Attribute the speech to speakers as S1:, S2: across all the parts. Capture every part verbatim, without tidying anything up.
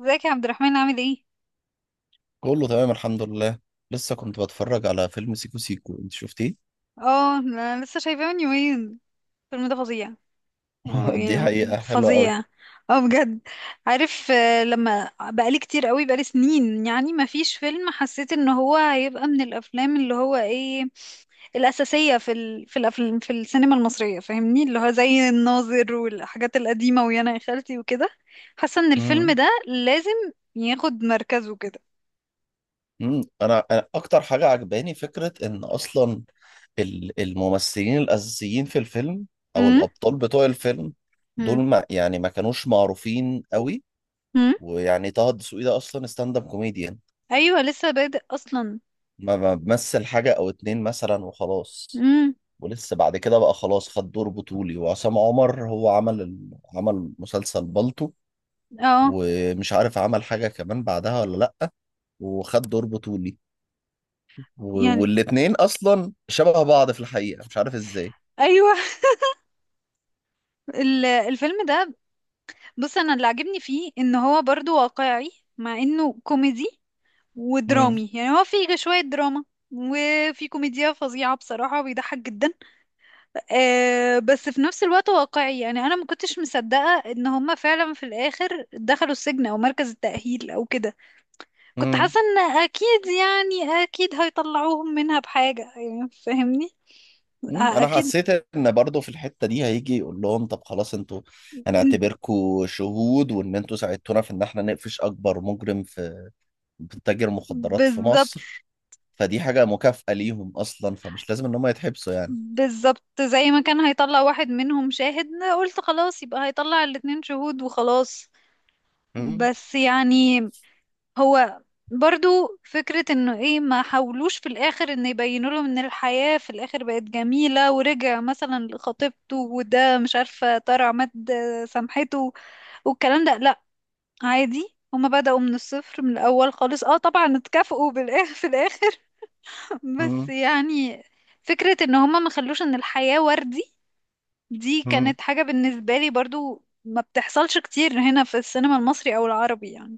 S1: ازيك يا عبد الرحمن عامل ايه؟
S2: كله تمام الحمد لله. لسه كنت بتفرج على فيلم سيكو سيكو، انت شفتيه؟
S1: اه انا لسه شايفاه من يومين. الفيلم ده فظيع. اه
S2: دي
S1: يعني
S2: حقيقة حلوة قوي.
S1: فظيع. اه بجد. عارف آه، لما بقالي كتير قوي بقالي سنين يعني ما فيش فيلم حسيت ان هو هيبقى من الافلام اللي هو ايه الاساسية في ال... في الافلام في السينما المصرية، فاهمني، اللي هو زي الناظر والحاجات القديمة ويانا يا خالتي وكده. حاسة ان الفيلم
S2: مم.
S1: ده لازم ياخد مركزه كده.
S2: مم. انا انا اكتر حاجة عجباني فكرة ان اصلا ال- الممثلين الاساسيين في الفيلم او
S1: امم
S2: الابطال بتوع الفيلم دول
S1: امم
S2: ما يعني ما كانوش معروفين قوي، ويعني طه الدسوقي ده اصلا ستاند اب كوميديان،
S1: ايوه لسه بادئ اصلا.
S2: ما ما بمثل حاجة او اتنين مثلا وخلاص،
S1: امم.
S2: ولسه بعد كده بقى خلاص خد دور بطولي. وعصام عمر هو عمل ال- عمل مسلسل بالطو،
S1: اه
S2: ومش عارف عمل حاجة كمان بعدها ولا لأ، وخد دور بطولي. و-
S1: يعني
S2: والاتنين أصلا شبه بعض في الحقيقة، مش عارف إزاي.
S1: ايوه. ال- الفيلم ده، بص، انا اللي عجبني فيه ان هو برضو واقعي مع انه كوميدي
S2: مم.
S1: ودرامي. يعني هو فيه شوية دراما وفي كوميديا فظيعة بصراحة، بيضحك جدا. آه بس في نفس الوقت واقعي. يعني انا ما كنتش مصدقة ان هما فعلا في الاخر دخلوا السجن او مركز التأهيل او كده. كنت
S2: مم.
S1: حاسة ان اكيد، يعني اكيد هيطلعوهم منها بحاجة، يعني فاهمني. أ-
S2: مم. أنا
S1: اكيد.
S2: حسيت إن برضه في الحتة دي هيجي يقول لهم طب خلاص أنتوا
S1: إن-
S2: هنعتبركوا شهود، وإن أنتوا ساعدتونا في إن إحنا نقفش أكبر مجرم في تاجر مخدرات في
S1: بالظبط.
S2: مصر، فدي حاجة مكافأة ليهم أصلا، فمش لازم إن هم يتحبسوا يعني.
S1: بالظبط، زي ما كان هيطلع واحد منهم شاهد قلت خلاص يبقى هيطلع الاتنين شهود وخلاص.
S2: مم.
S1: بس يعني هو برضو فكرة انه ايه، ما حاولوش في الاخر ان يبينوا لهم ان الحياة في الاخر بقت جميلة ورجع مثلا لخطيبته وده مش عارفة طارع مد سامحته والكلام ده، لا. عادي هما بدأوا من الصفر من الاول خالص. اه طبعا اتكافئوا بالاخر في الاخر. بس
S2: مم.
S1: يعني فكرة ان هما ما خلوش ان الحياة وردي، دي
S2: مم.
S1: كانت حاجة بالنسبة لي برضو ما بتحصلش كتير هنا في السينما المصري او العربي يعني.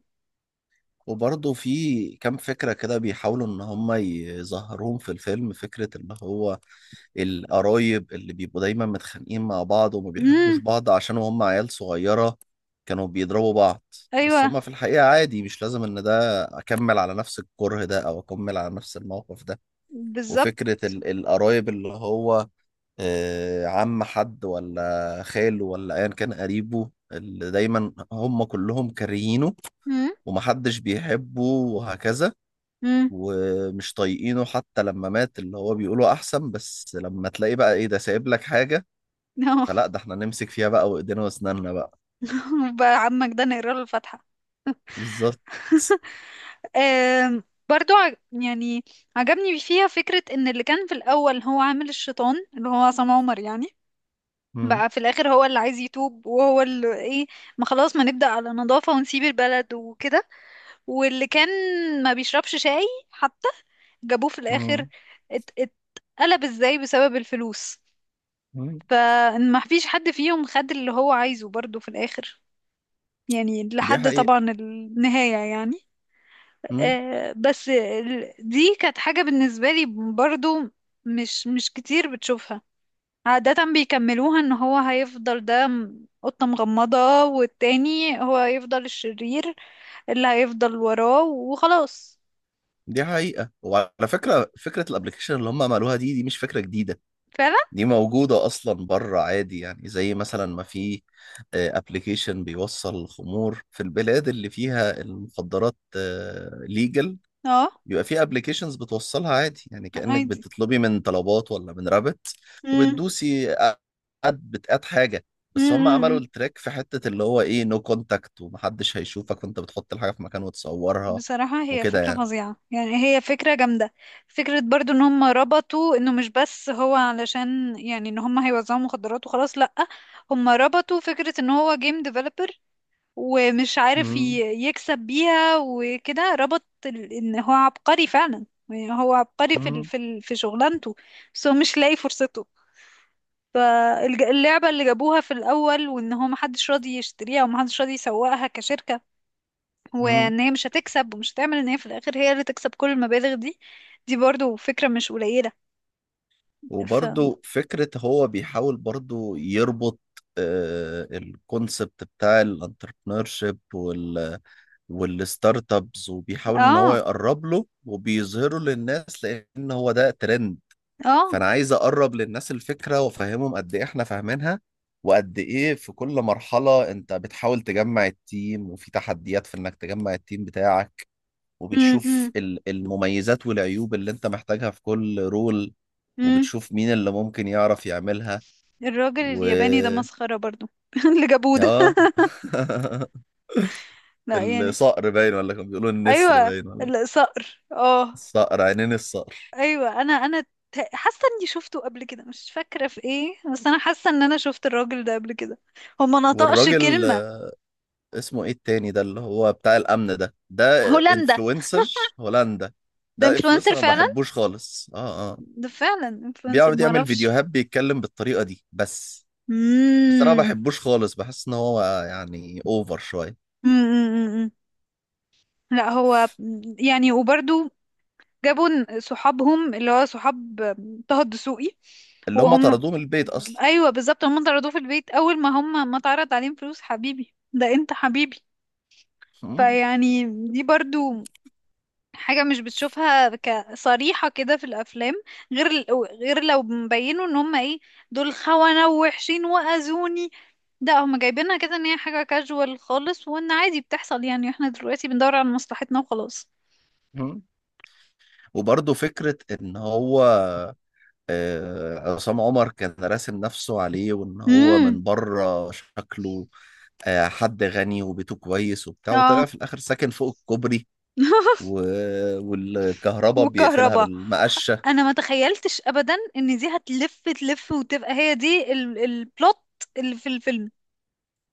S2: وبرضه في كام فكرة كده بيحاولوا إن هم يظهروهم في الفيلم، فكرة اللي هو القرايب اللي بيبقوا دايما متخانقين مع بعض وما بيحبوش
S1: امم.
S2: بعض عشان هم عيال صغيرة كانوا بيضربوا بعض، بس
S1: ايوه
S2: هم في الحقيقة عادي، مش لازم إن ده أكمل على نفس الكره ده أو أكمل على نفس الموقف ده.
S1: بالظبط.
S2: وفكرة ال- القرايب اللي هو، آه، عم حد ولا خاله ولا أيا كان قريبه اللي دايما هم كلهم كارهينه
S1: امم.
S2: ومحدش بيحبه وهكذا،
S1: امم.
S2: ومش طايقينه. حتى لما مات اللي هو بيقولوا احسن، بس لما تلاقي بقى ايه، ده سايب لك حاجة، فلا ده احنا نمسك فيها بقى وايدينا واسناننا بقى.
S1: بقى عمك ده نقرا له الفاتحة.
S2: بالظبط.
S1: آم، برضو ع- يعني عجبني فيها فكرة ان اللي كان في الاول هو عامل الشيطان، اللي هو عصام عمر يعني،
S2: مم.
S1: بقى في الاخر هو اللي عايز يتوب وهو اللي ايه، ما خلاص ما نبدأ على نظافة ونسيب البلد وكده. واللي كان ما بيشربش شاي حتى جابوه في الاخر،
S2: مم.
S1: ات- اتقلب ازاي بسبب الفلوس.
S2: مم.
S1: فما فيش حد فيهم خد اللي هو عايزه برضو في الاخر، يعني
S2: دي
S1: لحد طبعا
S2: حقيقة.
S1: النهاية يعني.
S2: مم.
S1: آه، بس ال- دي كانت حاجة بالنسبة لي برضو مش مش كتير بتشوفها. عادة بيكملوها ان هو هيفضل ده م- قطة مغمضة والتاني هو هيفضل الشرير اللي هيفضل وراه وخلاص.
S2: دي حقيقة. وعلى فكرة فكرة الابلكيشن اللي هم عملوها دي دي مش فكرة جديدة،
S1: فعلا.
S2: دي موجودة أصلا بره عادي، يعني زي مثلا ما في آه، ابلكيشن بيوصل الخمور في البلاد اللي فيها المخدرات ليجل،
S1: اه.
S2: بيبقى في ابلكيشنز بتوصلها عادي، يعني كأنك
S1: عادي.
S2: بتطلبي من طلبات ولا من رابط وبتدوسي، اد بتقاد حاجة. بس هم عملوا
S1: امم.
S2: التريك في حتة اللي هو ايه، نو كونتاكت، ومحدش هيشوفك وانت بتحط الحاجة في مكان وتصورها
S1: بصراحة هي
S2: وكده
S1: فكرة
S2: يعني.
S1: فظيعة، يعني هي فكرة جامدة. فكرة برضو ان هم ربطوا انه مش بس هو علشان يعني ان هم هيوزعوا مخدرات وخلاص، لأ، هم ربطوا فكرة ان هو جيم ديفلوبر ومش عارف ي-
S2: مم،
S1: يكسب بيها وكده. ربط ال- ان هو عبقري فعلا، يعني هو عبقري في ال-
S2: مم،
S1: في ال- في شغلانته بس هو مش لاقي فرصته. فاللعبة اللي جابوها في الأول وإن هو محدش راضي يشتريها ومحدش راضي يسوقها كشركة
S2: مم.
S1: وان هي مش هتكسب ومش هتعمل، ان هي في الاخر هي اللي تكسب كل المبالغ دي، دي برضو فكرة مش قليلة. ف
S2: وبرضو فكرة هو بيحاول برضو يربط الكونسبت بتاع الانتربرنور شيب والستارت ابس، وبيحاول ان هو
S1: اه.
S2: يقرب له وبيظهره للناس لان هو ده ترند.
S1: اه.
S2: فانا عايز اقرب للناس الفكره وافهمهم قد ايه احنا فاهمينها، وقد ايه في كل مرحله انت بتحاول تجمع التيم، وفي تحديات في انك تجمع التيم بتاعك،
S1: امم
S2: وبتشوف
S1: امم
S2: ال- المميزات والعيوب اللي انت محتاجها في كل رول،
S1: أمم.
S2: وبتشوف مين اللي ممكن يعرف يعملها.
S1: الراجل
S2: و
S1: الياباني ده مسخرة برضو. اللي جابوه ده،
S2: اه
S1: لا يعني.
S2: الصقر باين ولا كانوا بيقولوا النسر
S1: ايوه
S2: باين ولا؟
S1: الصقر، اه.
S2: الصقر، عينين الصقر.
S1: ايوه، انا انا ت- حاسه اني شفته قبل كده، مش فاكره في ايه، بس انا حاسه ان انا شفت الراجل ده قبل كده، هو ما نطقش
S2: والراجل،
S1: كلمه.
S2: آه، اسمه ايه التاني ده اللي هو بتاع الامن ده. ده
S1: هولندا.
S2: انفلونسر هولندا.
S1: ده
S2: ده
S1: انفلونسر
S2: انفلونسر، انا ما
S1: فعلا.
S2: بحبوش خالص، اه اه.
S1: ده فعلا انفلونسر،
S2: بيقعد
S1: ما
S2: يعمل
S1: اعرفش.
S2: فيديوهات بيتكلم بالطريقه دي بس. بس انا ما بحبوش خالص، بحس ان هو يعني اوفر شويه.
S1: امم أمم أمم. لا هو يعني. وبرضو جابوا ن- صحابهم، اللي هو صحاب طه الدسوقي.
S2: اللي هم
S1: وهم
S2: طردوه من البيت اصلا.
S1: ايوه بالظبط، هم طردوه في البيت اول ما هم ما اتعرض عليهم فلوس، حبيبي ده انت حبيبي.
S2: مم.
S1: فيعني دي برضو حاجة مش بتشوفها كصريحة كده في الأفلام، غير غير لو مبينوا ان هم ايه، دول خونة ووحشين وأذوني. ده هم جايبينها كده ان هي حاجة كاجوال خالص وان عادي بتحصل، يعني احنا دلوقتي بندور على مصلحتنا وخلاص.
S2: مم. وبرضه فكره ان هو، آه، عصام عمر كان راسم نفسه عليه، وان هو
S1: امم.
S2: من بره شكله آه، حد غني وبيته كويس وبتاع، وطلع
S1: اه.
S2: في الاخر ساكن فوق الكوبري. و... والكهرباء بيقفلها
S1: والكهرباء،
S2: بالمقشة.
S1: انا ما تخيلتش ابدا ان دي هتلف تلف وتبقى هي دي ال- البلوت اللي في الفيلم.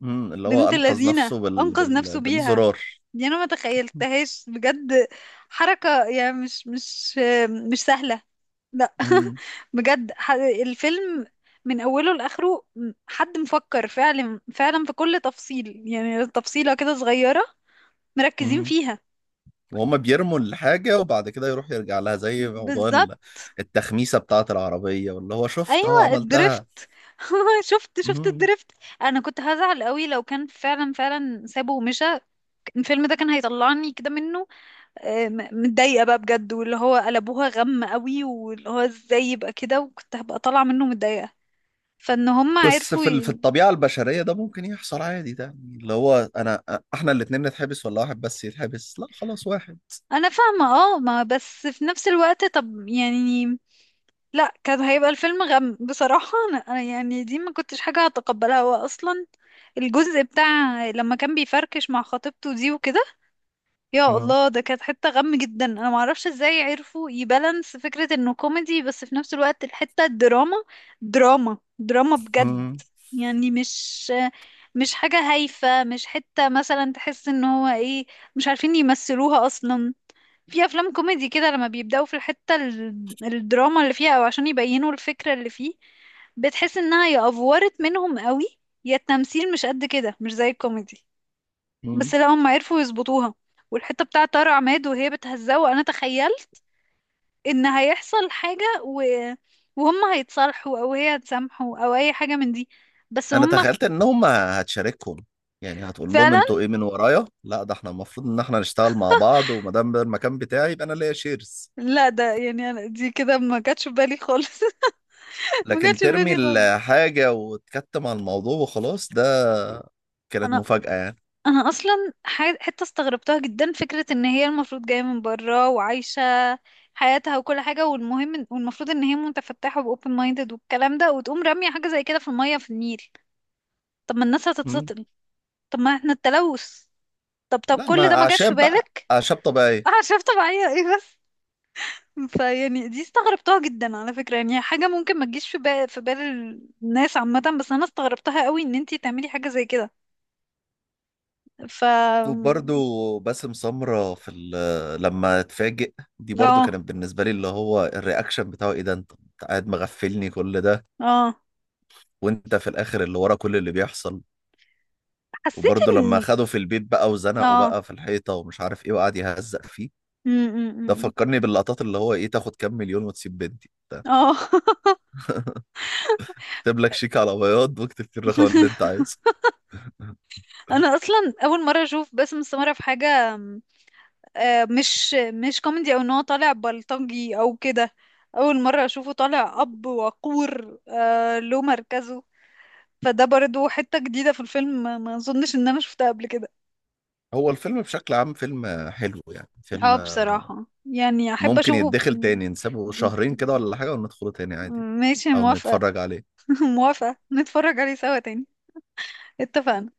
S2: مم. اللي هو
S1: بنت
S2: أنقذ
S1: لذينة
S2: نفسه بال...
S1: انقذ نفسه
S2: بال...
S1: بيها.
S2: بالزرار.
S1: دي انا ما تخيلتهاش بجد. حركة يعني مش مش مش سهلة، لا.
S2: مم.
S1: بجد ح- الفيلم من اوله لاخره، حد مفكر فعلا فعلا في كل تفصيل، يعني تفصيلة كده صغيرة مركزين
S2: مم.
S1: فيها.
S2: وهم بيرموا الحاجة وبعد كده يروح يرجع لها، زي موضوع ال-
S1: بالظبط.
S2: التخميسة بتاعة العربية واللي هو شفتها
S1: ايوه الدريفت.
S2: عملتها.
S1: شفت شفت
S2: مم.
S1: الدريفت. انا كنت هزعل قوي لو كان فعلا فعلا سابه ومشى. الفيلم ده كان هيطلعني كده منه، آه، م- متضايقه بقى بجد واللي هو قلبوها غم قوي، واللي هو ازاي يبقى كده، وكنت هبقى طالعه منه متضايقه. فان هم
S2: بس
S1: عرفوا
S2: في ال- في
S1: ي...
S2: الطبيعة البشرية ده ممكن يحصل عادي، ده يعني اللي هو أنا أ- إحنا الاتنين نتحبس ولا واحد بس يتحبس. لا خلاص واحد.
S1: انا فاهمه اه ما بس في نفس الوقت، طب يعني لا، كان هيبقى الفيلم غم بصراحه. انا أنا يعني دي ما كنتش حاجه هتقبلها. هو اصلا الجزء بتاع لما كان بيفركش مع خطيبته دي وكده، يا الله، ده كانت حتة غم جدا. انا معرفش ازاي عرفوا يبالانس فكرة انه كوميدي بس في نفس الوقت الحتة الدراما. دراما دراما بجد.
S2: مم.
S1: يعني مش مش حاجة هايفة، مش حتة مثلا تحس ان هو ايه، مش عارفين يمثلوها اصلا. في افلام كوميدي كده لما بيبدأوا في الحتة ال- الدراما اللي فيها او عشان يبينوا الفكرة اللي فيه، بتحس انها يا افورت منهم قوي يا التمثيل مش قد كده، مش زي الكوميدي. بس
S2: مم.
S1: لا، هم عرفوا يظبطوها. والحتة بتاعة طارق عماد وهي بتهزقه، انا تخيلت ان هيحصل حاجة و... وهم هيتصالحوا او هي هتسامحه او اي حاجة من دي، بس
S2: انا
S1: هم
S2: تخيلت انهم هتشاركهم، يعني هتقول لهم
S1: فعلا
S2: انتوا ايه من ورايا؟ لا ده احنا المفروض ان احنا نشتغل مع بعض، وما دام ده المكان بتاعي يبقى انا ليا شيرز.
S1: لا. ده يعني انا دي كده ما جاتش في بالي خالص. ما جاتش
S2: لكن
S1: في
S2: ترمي
S1: بالي خالص.
S2: الحاجة وتكتم على الموضوع وخلاص، ده كانت
S1: انا
S2: مفاجأة يعني.
S1: انا اصلا ح- حتة استغربتها جدا، فكرة ان هي المفروض جاية من برا وعايشة حياتها وكل حاجة، والمهم إن- والمفروض ان هي متفتحة و open minded والكلام ده، وتقوم رامية حاجة زي كده في المية في النيل. طب ما الناس
S2: مم.
S1: هتتسطل، طب ما احنا التلوث، طب طب
S2: لا،
S1: كل
S2: ما
S1: ده ما جاش في
S2: أعشاب بقى،
S1: بالك؟
S2: أعشاب طبيعية.
S1: اعشاب طبيعية ايه بس. فيعني دي استغربتها جدا على فكرة، يعني حاجة ممكن ما تجيش في بال في بال الناس عامة، بس انا استغربتها قوي ان انتي تعملي حاجة زي كده. ف
S2: وبرضو باسم سمرة في ال- لما اتفاجئ، دي برضو
S1: اه.
S2: كانت بالنسبة لي اللي هو الرياكشن بتاعه، ايه ده، انت أنت قاعد مغفلني كل ده،
S1: اه.
S2: وانت في الاخر اللي ورا كل اللي بيحصل.
S1: حسيت
S2: وبرضه لما
S1: ان
S2: اخده في البيت بقى وزنقه
S1: اه
S2: بقى في الحيطة ومش عارف ايه، وقعد يهزق فيه.
S1: م- م-
S2: ده
S1: م- م.
S2: فكرني باللقطات اللي هو ايه، تاخد كام مليون وتسيب بنتي،
S1: اه.
S2: اكتب لك شيك على بياض واكتب فيه الرقم اللي انت عايزه.
S1: انا اصلا اول مرة اشوف باسم السمرة في حاجة، آه، مش مش كوميدي او ان هو طالع بلطجي او كده. اول مره اشوفه طالع اب وقور، آه، له مركزه. فده برضو حته جديده في الفيلم، ما ما اظنش ان انا شفتها قبل كده.
S2: هو الفيلم بشكل عام فيلم حلو، يعني
S1: اه
S2: فيلم
S1: بصراحه يعني احب
S2: ممكن
S1: اشوفه
S2: يتدخل تاني، نسيبه
S1: ب-
S2: شهرين كده ولا حاجة وندخله تاني عادي
S1: ماشي
S2: او
S1: موافقه.
S2: نتفرج عليه.
S1: موافقه نتفرج عليه سوا تاني. اتفقنا.